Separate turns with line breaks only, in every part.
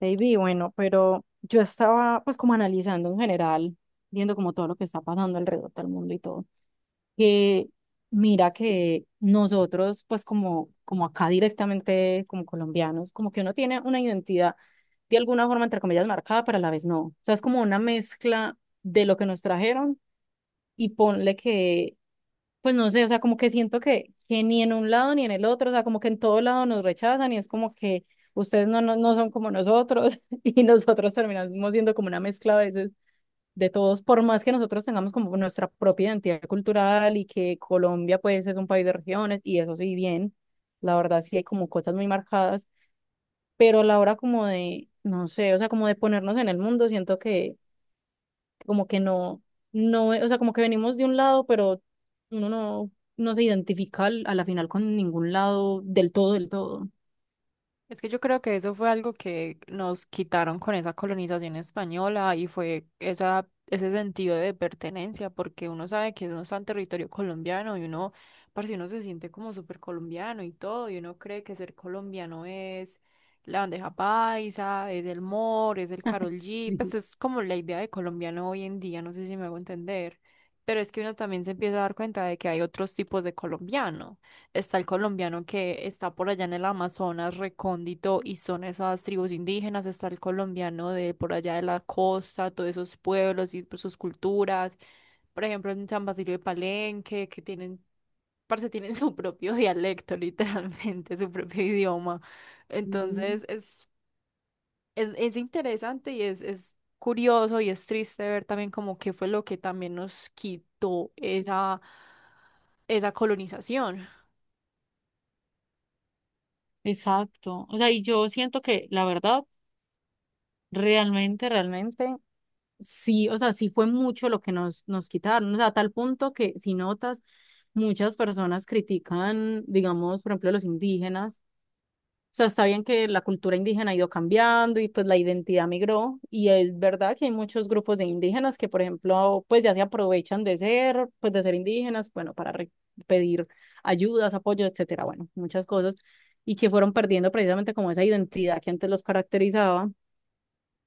Baby, bueno, pero yo estaba pues como analizando en general, viendo como todo lo que está pasando alrededor del mundo y todo, que mira que nosotros pues como, acá directamente como colombianos, como que uno tiene una identidad de alguna forma entre comillas marcada, pero a la vez no. O sea, es como una mezcla de lo que nos trajeron y ponle que pues no sé, o sea, como que siento que ni en un lado ni en el otro, o sea, como que en todo lado nos rechazan y es como que ustedes no son como nosotros y nosotros terminamos siendo como una mezcla a veces de todos, por más que nosotros tengamos como nuestra propia identidad cultural y que Colombia pues es un país de regiones y eso sí, bien, la verdad sí hay como cosas muy marcadas, pero a la hora como de, no sé, o sea, como de ponernos en el mundo, siento que como que no, no, o sea, como que venimos de un lado, pero uno no, no se identifica a la final con ningún lado del todo, del todo.
Es que yo creo que eso fue algo que nos quitaron con esa colonización española y fue esa, ese sentido de pertenencia, porque uno sabe que uno está en territorio colombiano y uno, parce, uno se siente como súper colombiano y todo, y uno cree que ser colombiano es la bandeja paisa, es el mor, es el Karol G, pues
Sí.
es como la idea de colombiano hoy en día, no sé si me hago entender, pero es que uno también se empieza a dar cuenta de que hay otros tipos de colombiano. Está el colombiano que está por allá en el Amazonas, recóndito, y son esas tribus indígenas, está el colombiano de por allá de la costa, todos esos pueblos y pues, sus culturas, por ejemplo, en San Basilio de Palenque, que tienen, parce, tienen su propio dialecto, literalmente, su propio idioma.
Mm.
Entonces, es interesante y es curioso y es triste ver también como qué fue lo que también nos quitó esa, esa colonización.
Exacto. O sea, y yo siento que la verdad, realmente, sí, o sea, sí fue mucho lo que nos quitaron, o sea, a tal punto que si notas, muchas personas critican, digamos, por ejemplo, a los indígenas. O sea, está bien que la cultura indígena ha ido cambiando y pues la identidad migró y es verdad que hay muchos grupos de indígenas que, por ejemplo, pues ya se aprovechan de ser, pues de ser indígenas, bueno, para pedir ayudas, apoyo, etcétera, bueno, muchas cosas y que fueron perdiendo precisamente como esa identidad que antes los caracterizaba.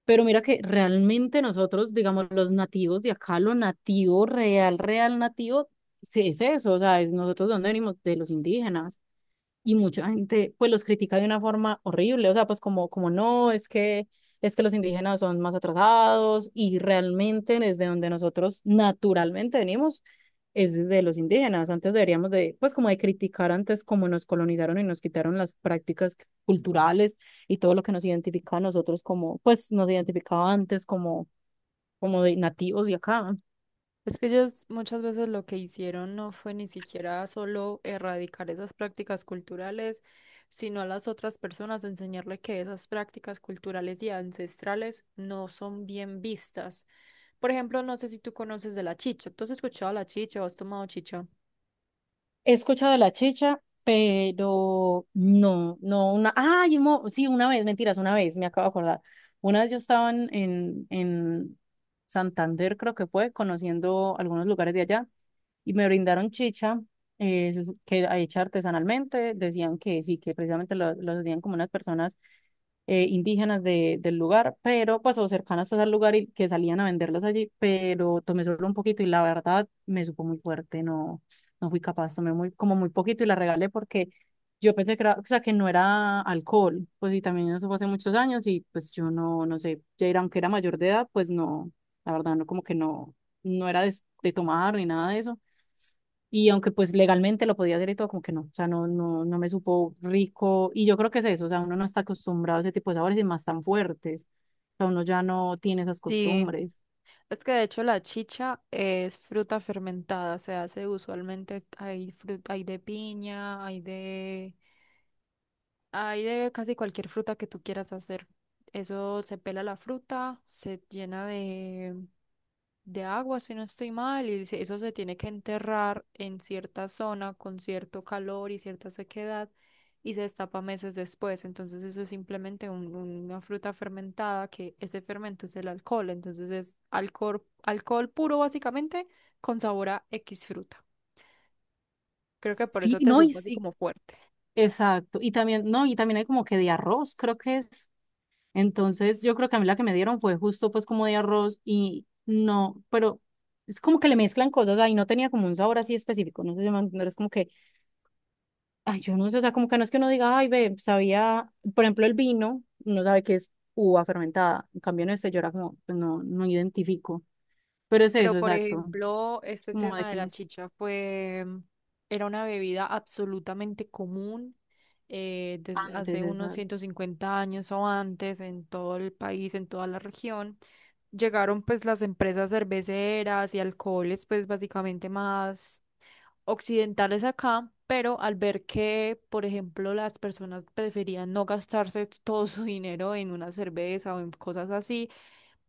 Pero mira que realmente nosotros, digamos, los nativos de acá, lo nativo, real, real nativo, sí es eso, o sea, es nosotros de dónde venimos, de los indígenas, y mucha gente pues los critica de una forma horrible, o sea, pues como, como no, es que los indígenas son más atrasados y realmente desde donde nosotros naturalmente venimos es desde los indígenas. Antes deberíamos de, pues como de criticar antes cómo nos colonizaron y nos quitaron las prácticas culturales y todo lo que nos identificaba a nosotros como, pues nos identificaba antes como, como de nativos de acá.
Es que ellos muchas veces lo que hicieron no fue ni siquiera solo erradicar esas prácticas culturales, sino a las otras personas enseñarle que esas prácticas culturales y ancestrales no son bien vistas. Por ejemplo, no sé si tú conoces de la chicha. ¿Tú has escuchado la chicha o has tomado chicha?
He escuchado de la chicha, pero no, no, una, ay, sí, una vez, mentiras, una vez, me acabo de acordar. Una vez yo estaba en Santander, creo que fue, conociendo algunos lugares de allá, y me brindaron chicha, eh, que hecha artesanalmente, decían que sí, que precisamente los hacían como unas personas indígenas de, del lugar, pero pues o cercanas pues al lugar y que salían a venderlas allí, pero tomé solo un poquito y la verdad me supo muy fuerte, no, no fui capaz, tomé muy, como muy poquito y la regalé porque yo pensé que era, o sea, que no era alcohol, pues y también eso fue hace muchos años y pues yo no, no sé, ya era, aunque era mayor de edad, pues no, la verdad no, como que no, no era de tomar ni nada de eso. Y aunque pues legalmente lo podía hacer y todo, como que no, o sea, no, no me supo rico. Y yo creo que es eso, o sea, uno no está acostumbrado a ese tipo de sabores y más tan fuertes. O sea, uno ya no tiene esas
Sí,
costumbres.
es que de hecho la chicha es fruta fermentada, se hace usualmente, hay fruta, hay de piña, hay de... Hay de casi cualquier fruta que tú quieras hacer. Eso se pela la fruta, se llena de agua, si no estoy mal, y se- eso se tiene que enterrar en cierta zona con cierto calor y cierta sequedad y se destapa meses después. Entonces eso es simplemente un- una fruta fermentada que ese fermento es el alcohol. Entonces es alcohol, alcohol puro básicamente con sabor a X fruta. Creo que por
Sí,
eso te
no, y,
supo así
sí,
como fuerte.
exacto. Y también, no, y también hay como que de arroz, creo que es. Entonces, yo creo que a mí la que me dieron fue justo pues como de arroz y no, pero es como que le mezclan cosas ahí, no tenía como un sabor así específico, no sé si me van a entender, es como que ay, yo no sé, o sea, como que no es que uno diga, ay, ve, sabía, por ejemplo, el vino, uno sabe que es uva fermentada. En cambio, en este yo era como, pues, no, no identifico. Pero es
Pero,
eso,
por
exacto.
ejemplo, este
Como de
tema de
que no
la
está.
chicha fue, era una bebida absolutamente común desde hace
Antes,
unos
exacto.
150 años o antes en todo el país, en toda la región. Llegaron pues las empresas cerveceras y alcoholes pues básicamente más occidentales acá, pero al ver que, por ejemplo, las personas preferían no gastarse todo su dinero en una cerveza o en cosas así,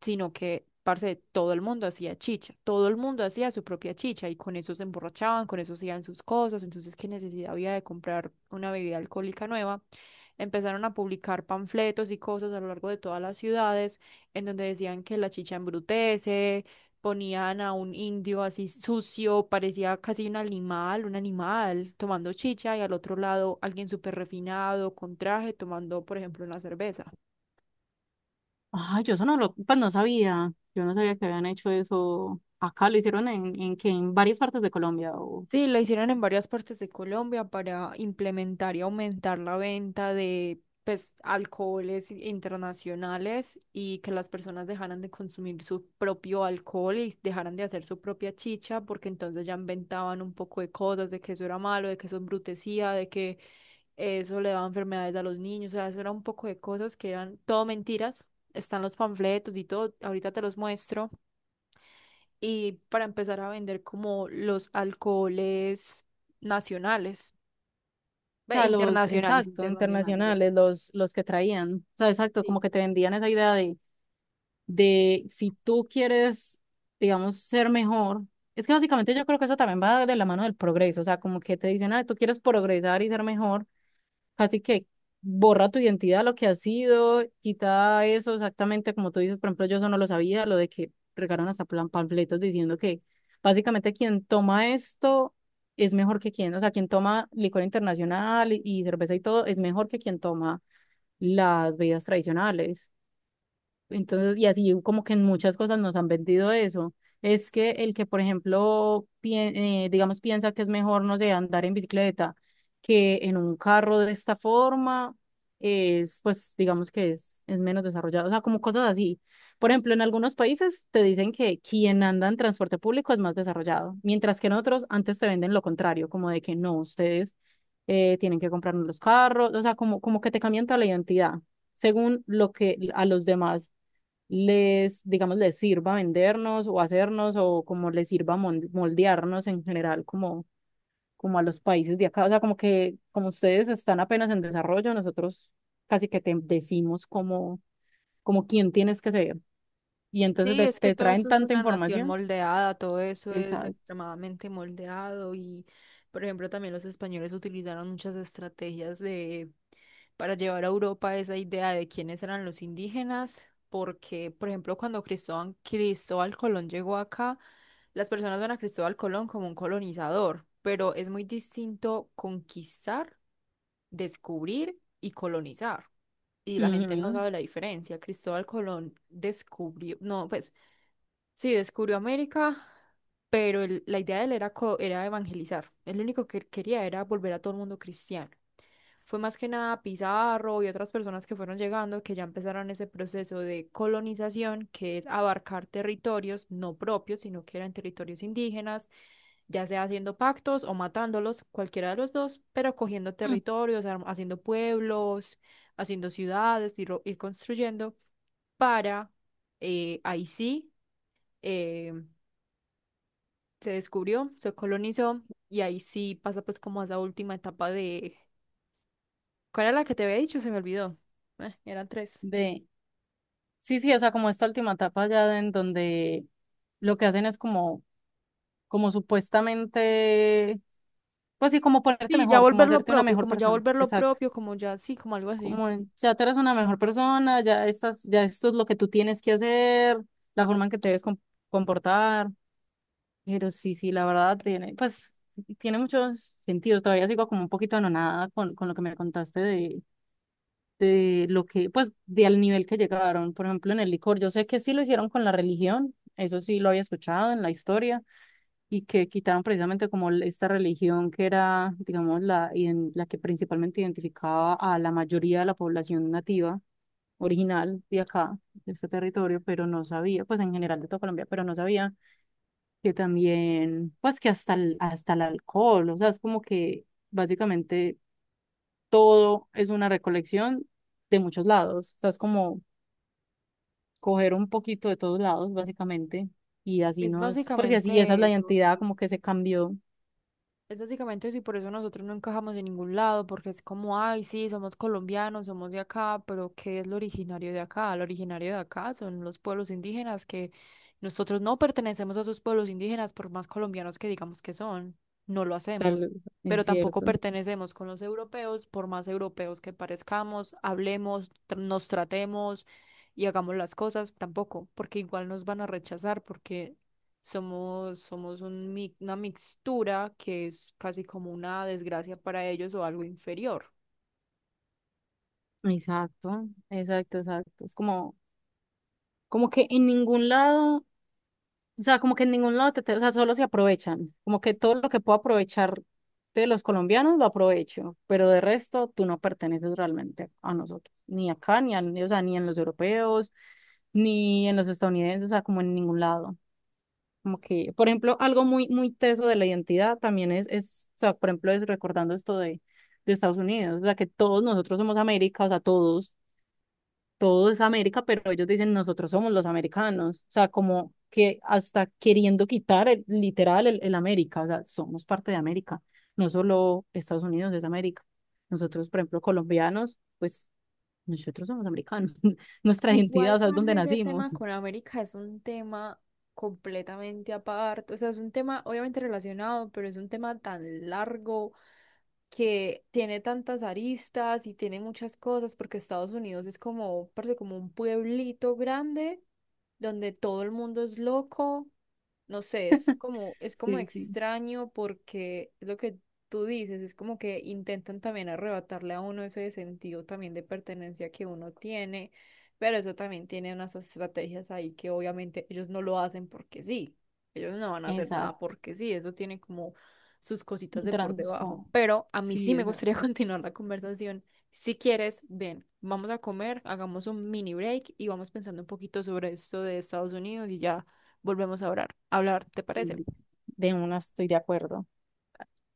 sino que, parce, todo el mundo hacía chicha, todo el mundo hacía su propia chicha y con eso se emborrachaban, con eso hacían sus cosas, entonces qué necesidad había de comprar una bebida alcohólica nueva. Empezaron a publicar panfletos y cosas a lo largo de todas las ciudades en donde decían que la chicha embrutece, ponían a un indio así sucio, parecía casi un animal tomando chicha y al otro lado alguien súper refinado con traje tomando, por ejemplo, una cerveza.
Ay, yo eso no lo, pues no sabía. Yo no sabía que habían hecho eso. Acá lo hicieron en que en varias partes de Colombia. O
Sí, lo hicieron en varias partes de Colombia para implementar y aumentar la venta de pues, alcoholes i- internacionales y que las personas dejaran de consumir su propio alcohol y dejaran de hacer su propia chicha, porque entonces ya inventaban un poco de cosas, de que eso era malo, de que eso embrutecía, de que eso le daba enfermedades a los niños, o sea, eso era un poco de cosas que eran todo mentiras. Están los panfletos y todo, ahorita te los muestro y para empezar a vender como los alcoholes nacionales, ve,
sea, los,
internacionales,
exacto,
internacionales, eso.
internacionales, los que traían. O sea, exacto, como
Sí.
que te vendían esa idea de si tú quieres, digamos, ser mejor, es que básicamente yo creo que eso también va de la mano del progreso, o sea, como que te dicen, ah, tú quieres progresar y ser mejor, así que borra tu identidad, lo que has sido, quita eso exactamente como tú dices, por ejemplo, yo eso no lo sabía, lo de que regaron hasta panfletos diciendo que básicamente quien toma esto es mejor que quien, o sea, quien toma licor internacional y cerveza y todo es mejor que quien toma las bebidas tradicionales. Entonces, y así como que en muchas cosas nos han vendido eso. Es que el que, por ejemplo, digamos, piensa que es mejor, no sé, andar en bicicleta que en un carro de esta forma, es, pues, digamos es menos desarrollado. O sea, como cosas así. Por ejemplo, en algunos países te dicen que quien anda en transporte público es más desarrollado, mientras que en otros antes te venden lo contrario, como de que no, ustedes tienen que comprarnos los carros, o sea, como, como que te cambian toda la identidad según lo que a los demás les, digamos, les sirva vendernos o hacernos o como les sirva moldearnos en general como, como a los países de acá. O sea, como que como ustedes están apenas en desarrollo, nosotros casi que te decimos como, como quién tienes que ser. Y entonces
Sí, es que
te
todo
traen
eso es
tanta
una nación
información.
moldeada, todo eso es
Exacto.
extremadamente moldeado y, por ejemplo, también los españoles utilizaron muchas estrategias de para llevar a Europa esa idea de quiénes eran los indígenas, porque, por ejemplo, cuando Cristóbal Colón llegó acá, las personas ven a Cristóbal Colón como un colonizador, pero es muy distinto conquistar, descubrir y colonizar y la gente no
Ujú.
sabe la diferencia. Cristóbal Colón descubrió, no, pues sí, descubrió América, pero el- la idea de él era, co- era evangelizar. El único que quería era volver a todo el mundo cristiano. Fue más que nada Pizarro y otras personas que fueron llegando que ya empezaron ese proceso de colonización, que es abarcar territorios no propios, sino que eran territorios indígenas, ya sea haciendo pactos o matándolos, cualquiera de los dos, pero cogiendo
Mm.
territorios, arm- haciendo pueblos, haciendo ciudades, ir construyendo, para ahí sí eh, se descubrió, se colonizó y ahí sí pasa pues como a esa última etapa de... ¿Cuál era la que te había dicho? Se me olvidó. Eran tres.
De, sí, sí, o sea, como esta última etapa ya en donde lo que hacen es como, como supuestamente, pues sí, como ponerte
Sí, ya
mejor, como
volver lo
hacerte una
propio,
mejor
como ya
persona.
volver lo
Exacto.
propio, como ya sí, como algo así.
Como en, ya tú eres una mejor persona, ya estás, ya esto es lo que tú tienes que hacer, la forma en que te debes comportar. Pero sí, sí, la verdad tiene, pues, tiene muchos sentidos. Todavía sigo como un poquito anonada con lo que me contaste de lo que, pues, de al nivel que llegaron. Por ejemplo, en el licor, yo sé que sí lo hicieron con la religión, eso sí lo había escuchado en la historia, y que quitaron precisamente como esta religión que era, digamos, la que principalmente identificaba a la mayoría de la población nativa original de acá, de este territorio, pero no sabía, pues en general de toda Colombia, pero no sabía que también, pues que hasta hasta el alcohol, o sea, es como que básicamente todo es una recolección de muchos lados, o sea, es como coger un poquito de todos lados, básicamente, y así
Es
nos, pues y así esa es
básicamente
la
eso,
identidad
sí.
como que se cambió,
Es básicamente eso y por eso nosotros no encajamos en ningún lado, porque es como, ay, sí, somos colombianos, somos de acá, pero ¿qué es lo originario de acá? Lo originario de acá son los pueblos indígenas, que nosotros no pertenecemos a esos pueblos indígenas, por más colombianos que digamos que son, no lo hacemos,
tal,
pero
es
tampoco
cierto.
pertenecemos con los europeos, por más europeos que parezcamos, hablemos, tr- nos tratemos y hagamos las cosas, tampoco, porque igual nos van a rechazar, porque somos un mi- una mixtura que es casi como una desgracia para ellos o algo inferior.
Exacto, exacto, exacto. Es como, como que en ningún lado. O sea, como que en ningún lado, o sea, solo se aprovechan. Como que todo lo que puedo aprovechar de los colombianos lo aprovecho, pero de resto tú no perteneces realmente a nosotros, ni acá, ni, o sea, ni en los europeos, ni en los estadounidenses, o sea, como en ningún lado. Como que, por ejemplo, algo muy, muy teso de la identidad también es, o sea, por ejemplo, es recordando esto de Estados Unidos, o sea, que todos nosotros somos América, o sea, todos todo es América, pero ellos dicen nosotros somos los americanos, o sea, como que hasta queriendo quitar el América, o sea, somos parte de América, no solo Estados Unidos es América. Nosotros, por ejemplo, colombianos, pues nosotros somos americanos, nuestra identidad, o
Igual,
sea, es donde
parce, ese tema
nacimos.
con América es un tema completamente aparte. O sea, es un tema obviamente relacionado, pero es un tema tan largo que tiene tantas aristas y tiene muchas cosas, porque Estados Unidos es como, parce, como un pueblito grande donde todo el mundo es loco, no sé, es como
Sí, sí,
extraño porque es lo que tú dices, es como que intentan también arrebatarle a uno ese sentido también de pertenencia que uno tiene, pero eso también tiene unas estrategias ahí que obviamente ellos no lo hacen porque sí, ellos no van a hacer
exacto,
nada porque sí, eso tiene como sus cositas
un
de por debajo,
trasfondo,
pero a mí sí
sí,
me
exacto.
gustaría continuar la conversación. Si quieres, ven, vamos a comer, hagamos un mini break y vamos pensando un poquito sobre esto de Estados Unidos y ya volvemos a orar, hablar, ¿te parece?
De una estoy de acuerdo.